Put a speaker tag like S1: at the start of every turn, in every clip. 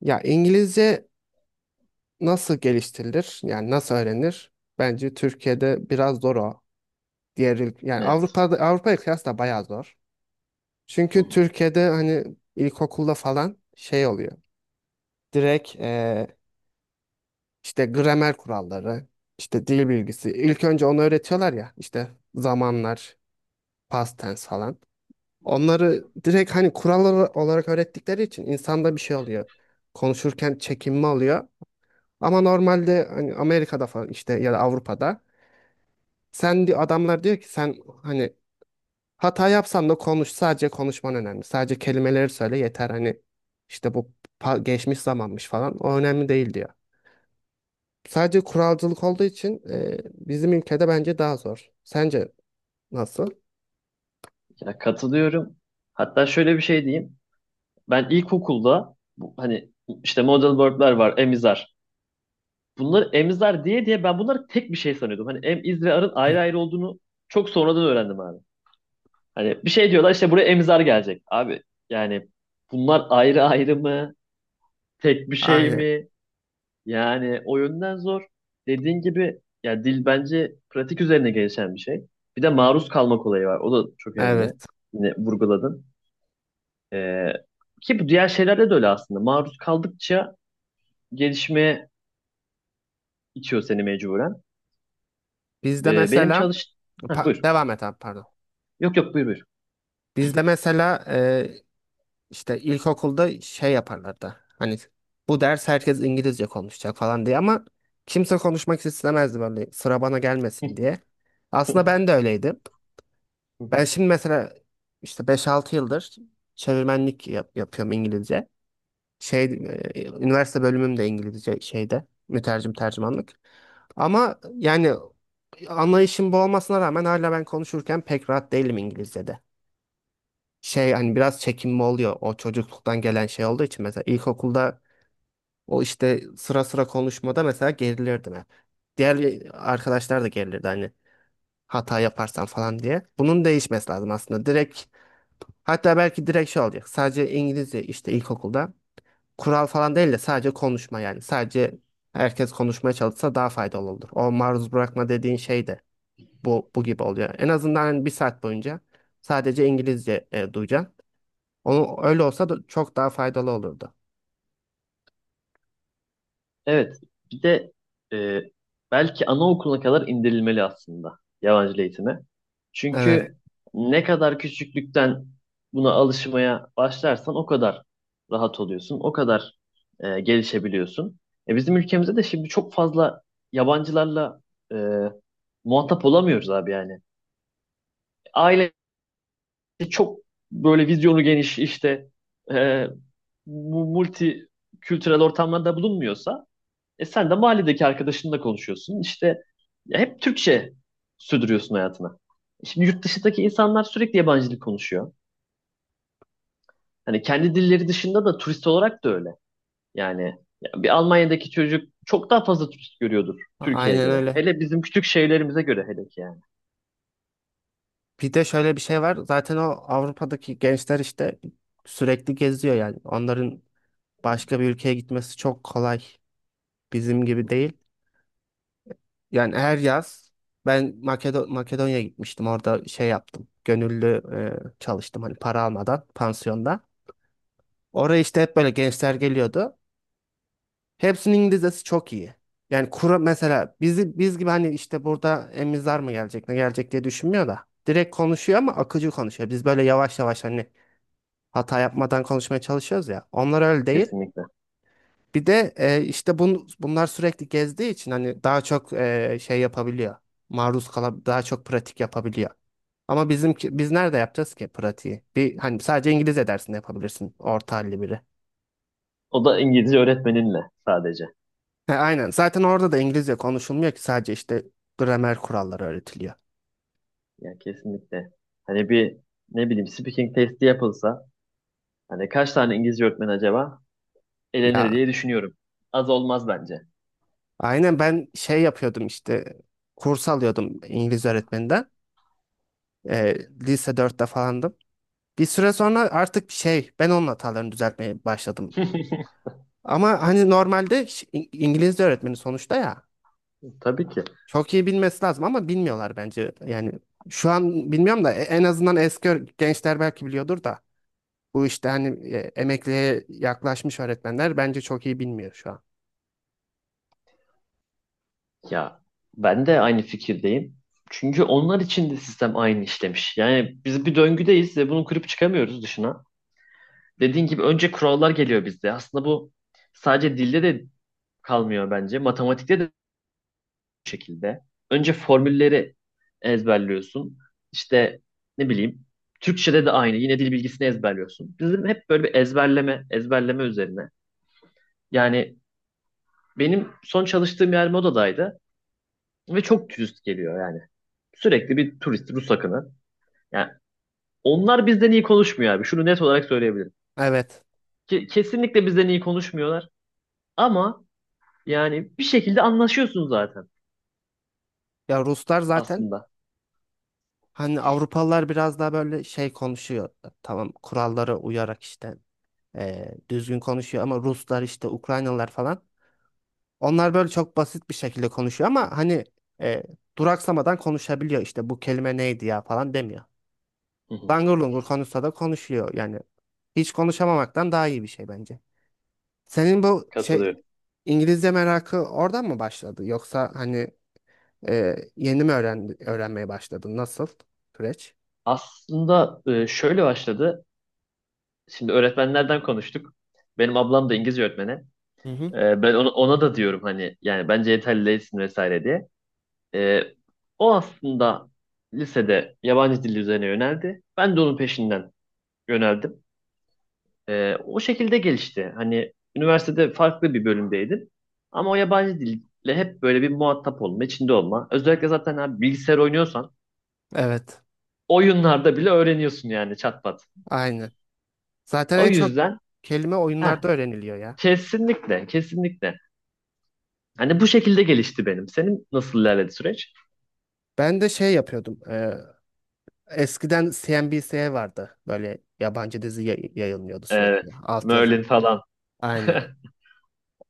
S1: Ya İngilizce nasıl geliştirilir? Yani nasıl öğrenir? Bence Türkiye'de biraz zor o. Yani
S2: Evet.
S1: Avrupa'da Avrupa'ya kıyasla bayağı zor.
S2: Hı
S1: Çünkü
S2: hı.
S1: Türkiye'de hani ilkokulda falan şey oluyor. Direkt işte gramer kuralları, işte dil bilgisi. İlk önce onu öğretiyorlar ya işte zamanlar, past tense falan. Onları direkt hani kurallar olarak öğrettikleri için insanda bir şey oluyor. Konuşurken çekinme oluyor. Ama normalde hani Amerika'da falan işte ya da Avrupa'da adamlar diyor ki sen hani hata yapsan da konuş, sadece konuşman önemli. Sadece kelimeleri söyle yeter, hani işte bu geçmiş zamanmış falan, o önemli değil diyor. Sadece kuralcılık olduğu için bizim ülkede bence daha zor. Sence nasıl?
S2: Ya katılıyorum. Hatta şöyle bir şey diyeyim. Ben ilkokulda bu, hani işte model verb'ler var, emizar. Bunları emizar diye diye ben bunları tek bir şey sanıyordum. Hani em, iz ve arın ayrı ayrı olduğunu çok sonradan öğrendim abi. Hani bir şey diyorlar işte buraya emizar gelecek. Abi yani bunlar ayrı ayrı mı? Tek bir şey
S1: Aynen.
S2: mi? Yani o yönden zor. Dediğin gibi ya dil bence pratik üzerine gelişen bir şey. Bir de maruz kalmak olayı var. O da çok önemli.
S1: Evet.
S2: Yine vurguladın. Ee, ki bu diğer şeylerde de öyle aslında. Maruz kaldıkça gelişmeye itiyor seni mecburen.
S1: Bizde
S2: Benim
S1: mesela.
S2: çalış... Heh, buyur.
S1: Devam et abi, pardon.
S2: Yok yok buyur
S1: Bizde mesela İşte ilkokulda şey yaparlardı. Hani bu ders herkes İngilizce konuşacak falan diye ama kimse konuşmak istemezdi, böyle sıra bana gelmesin diye. Aslında ben de öyleydim. Ben
S2: buyur.
S1: şimdi mesela işte 5-6 yıldır çevirmenlik yapıyorum İngilizce. Şey, üniversite bölümüm de İngilizce şeyde, mütercim tercümanlık. Ama yani anlayışım bu olmasına rağmen hala ben konuşurken pek rahat değilim İngilizce'de, şey hani biraz çekinme oluyor, o çocukluktan gelen şey olduğu için. Mesela ilkokulda o işte sıra sıra konuşmada mesela gerilirdim hep. Diğer arkadaşlar da gerilirdi hani, hata yaparsan falan diye. Bunun değişmesi lazım aslında. Direkt, hatta belki direkt şey olacak. Sadece İngilizce, işte ilkokulda kural falan değil de sadece konuşma yani. Sadece herkes konuşmaya çalışsa daha faydalı olur. O maruz bırakma dediğin şey de bu gibi oluyor. En azından hani bir saat boyunca sadece İngilizce duyacaksın. O, öyle olsa da çok daha faydalı olurdu.
S2: Evet, bir de e, belki anaokuluna kadar indirilmeli aslında yabancı dil eğitimi.
S1: Evet, evet.
S2: Çünkü ne kadar küçüklükten buna alışmaya başlarsan o kadar rahat oluyorsun, o kadar gelişebiliyorsun. Bizim ülkemizde de şimdi çok fazla yabancılarla e, muhatap olamıyoruz abi yani. Aile çok böyle vizyonu geniş işte e, bu multi kültürel ortamlarda bulunmuyorsa e sen de mahalledeki arkadaşınla konuşuyorsun. İşte ya hep Türkçe sürdürüyorsun hayatına. Şimdi yurt dışındaki insanlar sürekli yabancı dil konuşuyor. Hani kendi dilleri dışında da turist olarak da öyle. Yani ya bir Almanya'daki çocuk çok daha fazla turist görüyordur Türkiye'ye
S1: Aynen
S2: göre.
S1: öyle.
S2: Hele bizim küçük şehirlerimize göre hele ki yani.
S1: Bir de şöyle bir şey var. Zaten o Avrupa'daki gençler işte sürekli geziyor yani. Onların başka bir ülkeye gitmesi çok kolay. Bizim gibi değil. Yani her yaz ben Makedonya'ya gitmiştim. Orada şey yaptım. Gönüllü çalıştım, hani para almadan pansiyonda. Oraya işte hep böyle gençler geliyordu. Hepsinin İngilizcesi çok iyi. Yani kura mesela bizi, biz gibi hani işte burada emizler mı gelecek ne gelecek diye düşünmüyor da. Direkt konuşuyor ama akıcı konuşuyor. Biz böyle yavaş yavaş hani hata yapmadan konuşmaya çalışıyoruz ya. Onlar öyle değil.
S2: Kesinlikle.
S1: Bir de işte bunlar sürekli gezdiği için hani daha çok şey yapabiliyor. Maruz kalab Daha çok pratik yapabiliyor. Ama bizimki, biz nerede yapacağız ki pratiği? Bir hani sadece İngilizce dersinde yapabilirsin, orta halli biri.
S2: O da İngilizce öğretmeninle sadece.
S1: He, aynen. Zaten orada da İngilizce konuşulmuyor ki, sadece işte gramer kuralları öğretiliyor.
S2: Yani kesinlikle. Hani bir ne bileyim speaking testi yapılsa hani kaç tane İngilizce öğretmen acaba elenir
S1: Ya
S2: diye düşünüyorum. Az olmaz bence.
S1: aynen, ben şey yapıyordum işte, kurs alıyordum İngiliz öğretmeninden. Ee, Lise 4'te falandım. Bir süre sonra artık şey, ben onun hatalarını düzeltmeye başladım. Ama hani normalde İngilizce öğretmeni sonuçta ya,
S2: Tabii ki.
S1: çok iyi bilmesi lazım ama bilmiyorlar bence. Yani şu an bilmiyorum da en azından eski gençler belki biliyordur da, bu işte hani emekliye yaklaşmış öğretmenler bence çok iyi bilmiyor şu an.
S2: Ya ben de aynı fikirdeyim. Çünkü onlar için de sistem aynı işlemiş. Yani biz bir döngüdeyiz ve bunu kırıp çıkamıyoruz dışına. Dediğin gibi önce kurallar geliyor bizde. Aslında bu sadece dilde de kalmıyor bence. Matematikte de bu şekilde. Önce formülleri ezberliyorsun. İşte ne bileyim Türkçe'de de aynı. Yine dil bilgisini ezberliyorsun. Bizim hep böyle bir ezberleme, ezberleme üzerine. Yani benim son çalıştığım yer modadaydı ve çok dürüst geliyor yani. Sürekli bir turist, Rus akını. Yani onlar bizden iyi konuşmuyor abi. Şunu net olarak söyleyebilirim.
S1: Evet.
S2: Kesinlikle bizden iyi konuşmuyorlar. Ama yani bir şekilde anlaşıyorsun zaten
S1: Ya Ruslar zaten,
S2: aslında.
S1: hani Avrupalılar biraz daha böyle şey konuşuyor. Tamam, kurallara uyarak işte düzgün konuşuyor ama Ruslar işte, Ukraynalılar falan. Onlar böyle çok basit bir şekilde konuşuyor ama hani e, duraksamadan konuşabiliyor, işte bu kelime neydi ya falan demiyor.
S2: Hı hı.
S1: Langur lungur konuşsa da konuşuyor yani. Hiç konuşamamaktan daha iyi bir şey bence. Senin bu şey
S2: Katılıyorum.
S1: İngilizce merakı oradan mı başladı? Yoksa hani, yeni mi öğrenmeye başladın? Nasıl süreç?
S2: Aslında şöyle başladı. Şimdi öğretmenlerden konuştuk. Benim ablam da İngilizce öğretmeni.
S1: Hı hı.
S2: Ben ona da diyorum hani yani bence yeterli değilsin vesaire diye. E, o aslında lisede yabancı dil üzerine yöneldi. Ben de onun peşinden yöneldim. O şekilde gelişti. Hani üniversitede farklı bir bölümdeydim. Ama o yabancı dille hep böyle bir muhatap olma, içinde olma. Özellikle zaten abi bilgisayar oynuyorsan
S1: Evet.
S2: oyunlarda bile öğreniyorsun yani çat pat.
S1: Aynı. Zaten
S2: O
S1: en çok
S2: yüzden
S1: kelime
S2: heh,
S1: oyunlarda öğreniliyor ya.
S2: kesinlikle, kesinlikle. Hani bu şekilde gelişti benim. Senin nasıl ilerledi süreç?
S1: Ben de şey yapıyordum. Eskiden CNBC vardı. Böyle yabancı dizi yayınlıyordu
S2: Evet,
S1: sürekli.
S2: Merlin
S1: Altyazılı.
S2: falan.
S1: Aynen.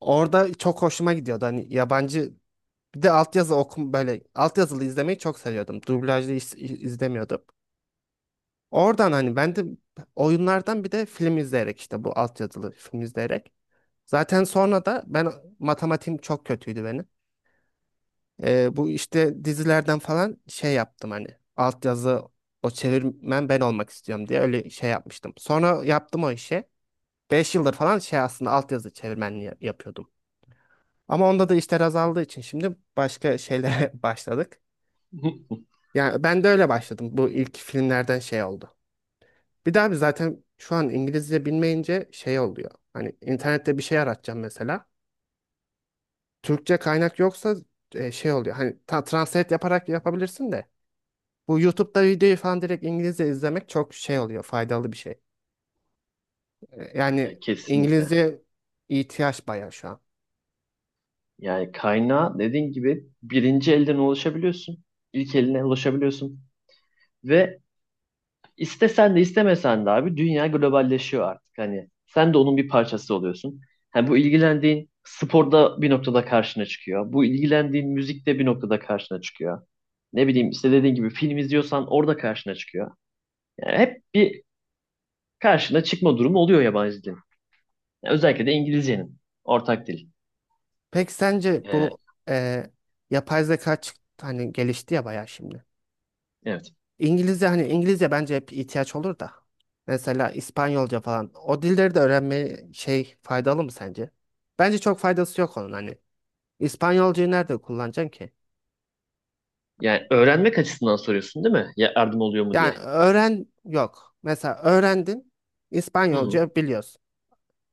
S1: Orada çok hoşuma gidiyordu. Hani yabancı, bir de altyazı okum, böyle altyazılı izlemeyi çok seviyordum. Dublajlı izlemiyordum. Oradan hani ben de oyunlardan, bir de film izleyerek, işte bu altyazılı film izleyerek. Zaten sonra da ben, matematiğim çok kötüydü benim. Bu işte dizilerden falan şey yaptım, hani altyazı, o çevirmen ben olmak istiyorum diye öyle şey yapmıştım. Sonra yaptım o işi. 5 yıldır falan şey, aslında altyazı çevirmenliği yapıyordum. Ama onda da işler azaldığı için şimdi başka şeylere başladık. Yani ben de öyle başladım. Bu ilk filmlerden şey oldu. Bir daha bir, zaten şu an İngilizce bilmeyince şey oluyor. Hani internette bir şey aratacağım mesela. Türkçe kaynak yoksa şey oluyor. Hani translate yaparak yapabilirsin de. Bu YouTube'da videoyu falan direkt İngilizce izlemek çok şey oluyor. Faydalı bir şey.
S2: Ya
S1: Yani
S2: kesinlikle.
S1: İngilizce ihtiyaç bayağı şu an.
S2: Yani kaynağa dediğin gibi birinci elden ulaşabiliyorsun. İlk eline ulaşabiliyorsun. Ve İstesen de istemesen de abi dünya globalleşiyor artık. Hani sen de onun bir parçası oluyorsun. Hani bu ilgilendiğin sporda bir noktada karşına çıkıyor. Bu ilgilendiğin müzikte bir noktada karşına çıkıyor. Ne bileyim işte dediğin gibi film izliyorsan orada karşına çıkıyor. Yani hep bir karşına çıkma durumu oluyor yabancı dilin. Yani özellikle de İngilizcenin ortak dil.
S1: Peki sence
S2: Ee,
S1: bu e, yapay zeka, hani gelişti ya bayağı şimdi.
S2: evet.
S1: İngilizce, hani İngilizce bence hep ihtiyaç olur da. Mesela İspanyolca falan. O dilleri de öğrenme şey, faydalı mı sence? Bence çok faydası yok onun hani. İspanyolcayı nerede kullanacaksın ki?
S2: Yani öğrenmek açısından soruyorsun değil mi? Ya yardım oluyor mu
S1: Yani
S2: diye.
S1: öğren yok. Mesela öğrendin,
S2: Hı hı.
S1: İspanyolca biliyorsun.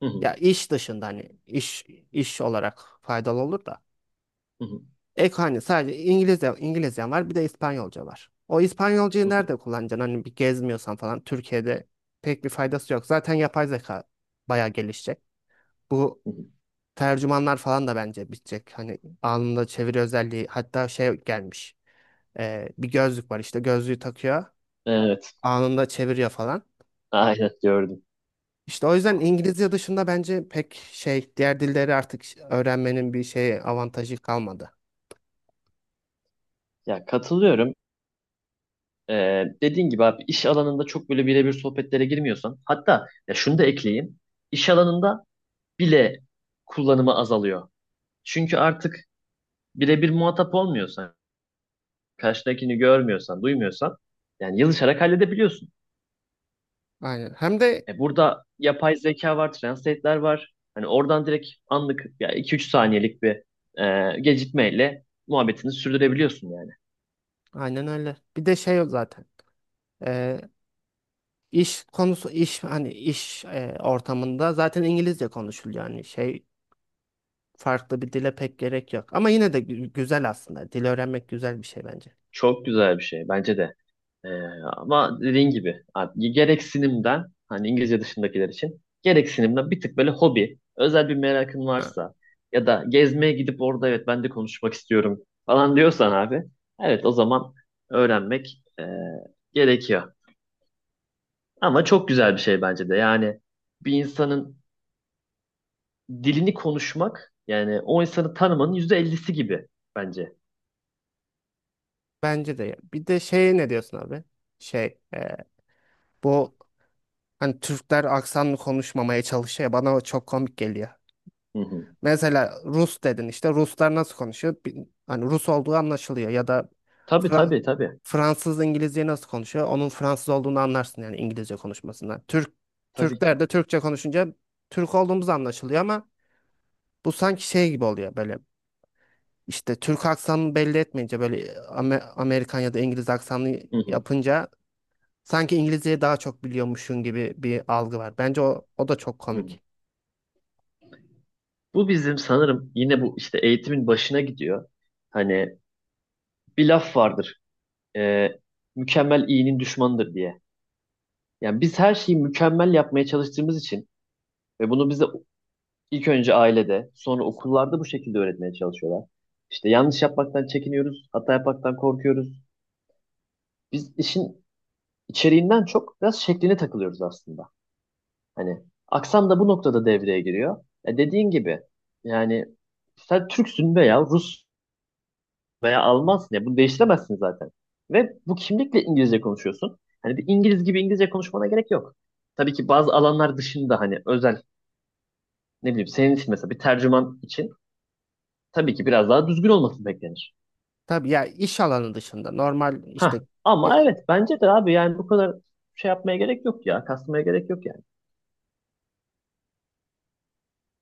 S2: Hı hı.
S1: Ya iş dışında, hani iş olarak faydalı olur da.
S2: Hı hı.
S1: Ek hani, sadece İngilizcen var, bir de İspanyolca var. O İspanyolcayı
S2: Hı
S1: nerede kullanacaksın? Hani bir gezmiyorsan falan, Türkiye'de pek bir faydası yok. Zaten yapay zeka bayağı gelişecek. Bu
S2: hı.
S1: tercümanlar falan da bence bitecek. Hani anında çeviri özelliği, hatta şey gelmiş. Bir gözlük var, işte gözlüğü takıyor.
S2: Evet.
S1: Anında çeviriyor falan.
S2: Aynen gördüm.
S1: İşte o yüzden İngilizce dışında bence pek şey, diğer dilleri artık öğrenmenin bir şey avantajı kalmadı.
S2: Ya katılıyorum. Dediğin gibi abi iş alanında çok böyle birebir sohbetlere girmiyorsan hatta ya şunu da ekleyeyim iş alanında bile kullanımı azalıyor. Çünkü artık birebir muhatap olmuyorsan karşıdakini görmüyorsan duymuyorsan yani yazışarak halledebiliyorsun.
S1: Aynen. Hem de
S2: E burada yapay zeka var, translate'ler var, hani oradan direkt anlık ya 2-3 saniyelik bir gecikmeyle muhabbetini sürdürebiliyorsun yani.
S1: aynen öyle. Bir de şey yok zaten. e, iş konusu, iş hani, iş ortamında zaten İngilizce konuşuluyor, yani şey, farklı bir dile pek gerek yok. Ama yine de güzel aslında. Dil öğrenmek güzel bir şey bence.
S2: Çok güzel bir şey bence de. Ee, ama dediğin gibi abi, gereksinimden hani İngilizce dışındakiler için gereksinimden bir tık böyle hobi, özel bir merakın
S1: Ha,
S2: varsa ya da gezmeye gidip orada evet ben de konuşmak istiyorum falan diyorsan abi evet o zaman öğrenmek gerekiyor. Ama çok güzel bir şey bence de yani bir insanın dilini konuşmak yani o insanı tanımanın %50'si gibi bence.
S1: bence de ya. Bir de şey, ne diyorsun abi? Şey bu hani Türkler aksanlı konuşmamaya çalışıyor ya, bana o çok komik geliyor.
S2: Hı hı.
S1: Mesela Rus dedin işte. Ruslar nasıl konuşuyor? Hani Rus olduğu anlaşılıyor. Ya da
S2: Tabii,
S1: Fra-
S2: tabii, tabii,
S1: Fransız İngilizce nasıl konuşuyor? Onun Fransız olduğunu anlarsın yani İngilizce konuşmasından.
S2: tabii ki.
S1: Türkler de Türkçe konuşunca Türk olduğumuz anlaşılıyor ama bu sanki şey gibi oluyor böyle. İşte Türk aksanını belli etmeyince, böyle Amerikan ya da İngiliz aksanını
S2: Hı hı.
S1: yapınca sanki İngilizceyi daha çok biliyormuşsun gibi bir algı var. Bence o da çok
S2: Hı hı.
S1: komik.
S2: Bu bizim sanırım yine bu işte eğitimin başına gidiyor. Hani bir laf vardır. e, Mükemmel iyinin düşmanıdır diye. Yani biz her şeyi mükemmel yapmaya çalıştığımız için ve bunu bize ilk önce ailede, sonra okullarda bu şekilde öğretmeye çalışıyorlar. İşte yanlış yapmaktan çekiniyoruz, hata yapmaktan korkuyoruz. Biz işin içeriğinden çok biraz şekline takılıyoruz aslında. Hani aksan da bu noktada devreye giriyor. E dediğin gibi yani sen Türksün veya Rus veya Almansın ya bunu değiştiremezsin zaten. Ve bu kimlikle İngilizce konuşuyorsun. Hani bir İngiliz gibi İngilizce konuşmana gerek yok. Tabii ki bazı alanlar dışında hani özel ne bileyim senin için mesela bir tercüman için tabii ki biraz daha düzgün olması beklenir.
S1: Tabii ya, iş alanı dışında normal.
S2: Ha,
S1: İşte e,
S2: ama evet bence de abi yani bu kadar şey yapmaya gerek yok ya. Kasmaya gerek yok yani.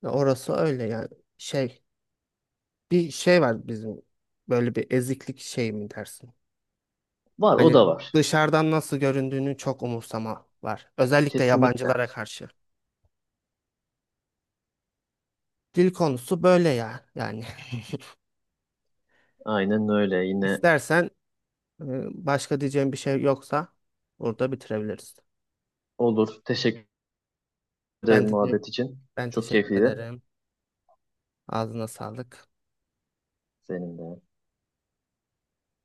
S1: orası öyle yani, şey, bir şey var bizim, böyle bir eziklik şey mi dersin?
S2: Var, o
S1: Hani
S2: da var.
S1: dışarıdan nasıl göründüğünü çok umursama var, özellikle
S2: Kesinlikle.
S1: yabancılara karşı. Dil konusu böyle ya yani.
S2: Aynen öyle. Yine
S1: İstersen, Ee, başka diyeceğim bir şey yoksa burada bitirebiliriz.
S2: olur. Teşekkür
S1: Ben
S2: ederim
S1: de,
S2: muhabbet için. Çok
S1: teşekkür
S2: keyifliydi.
S1: ederim. Ağzına sağlık.
S2: Senin de.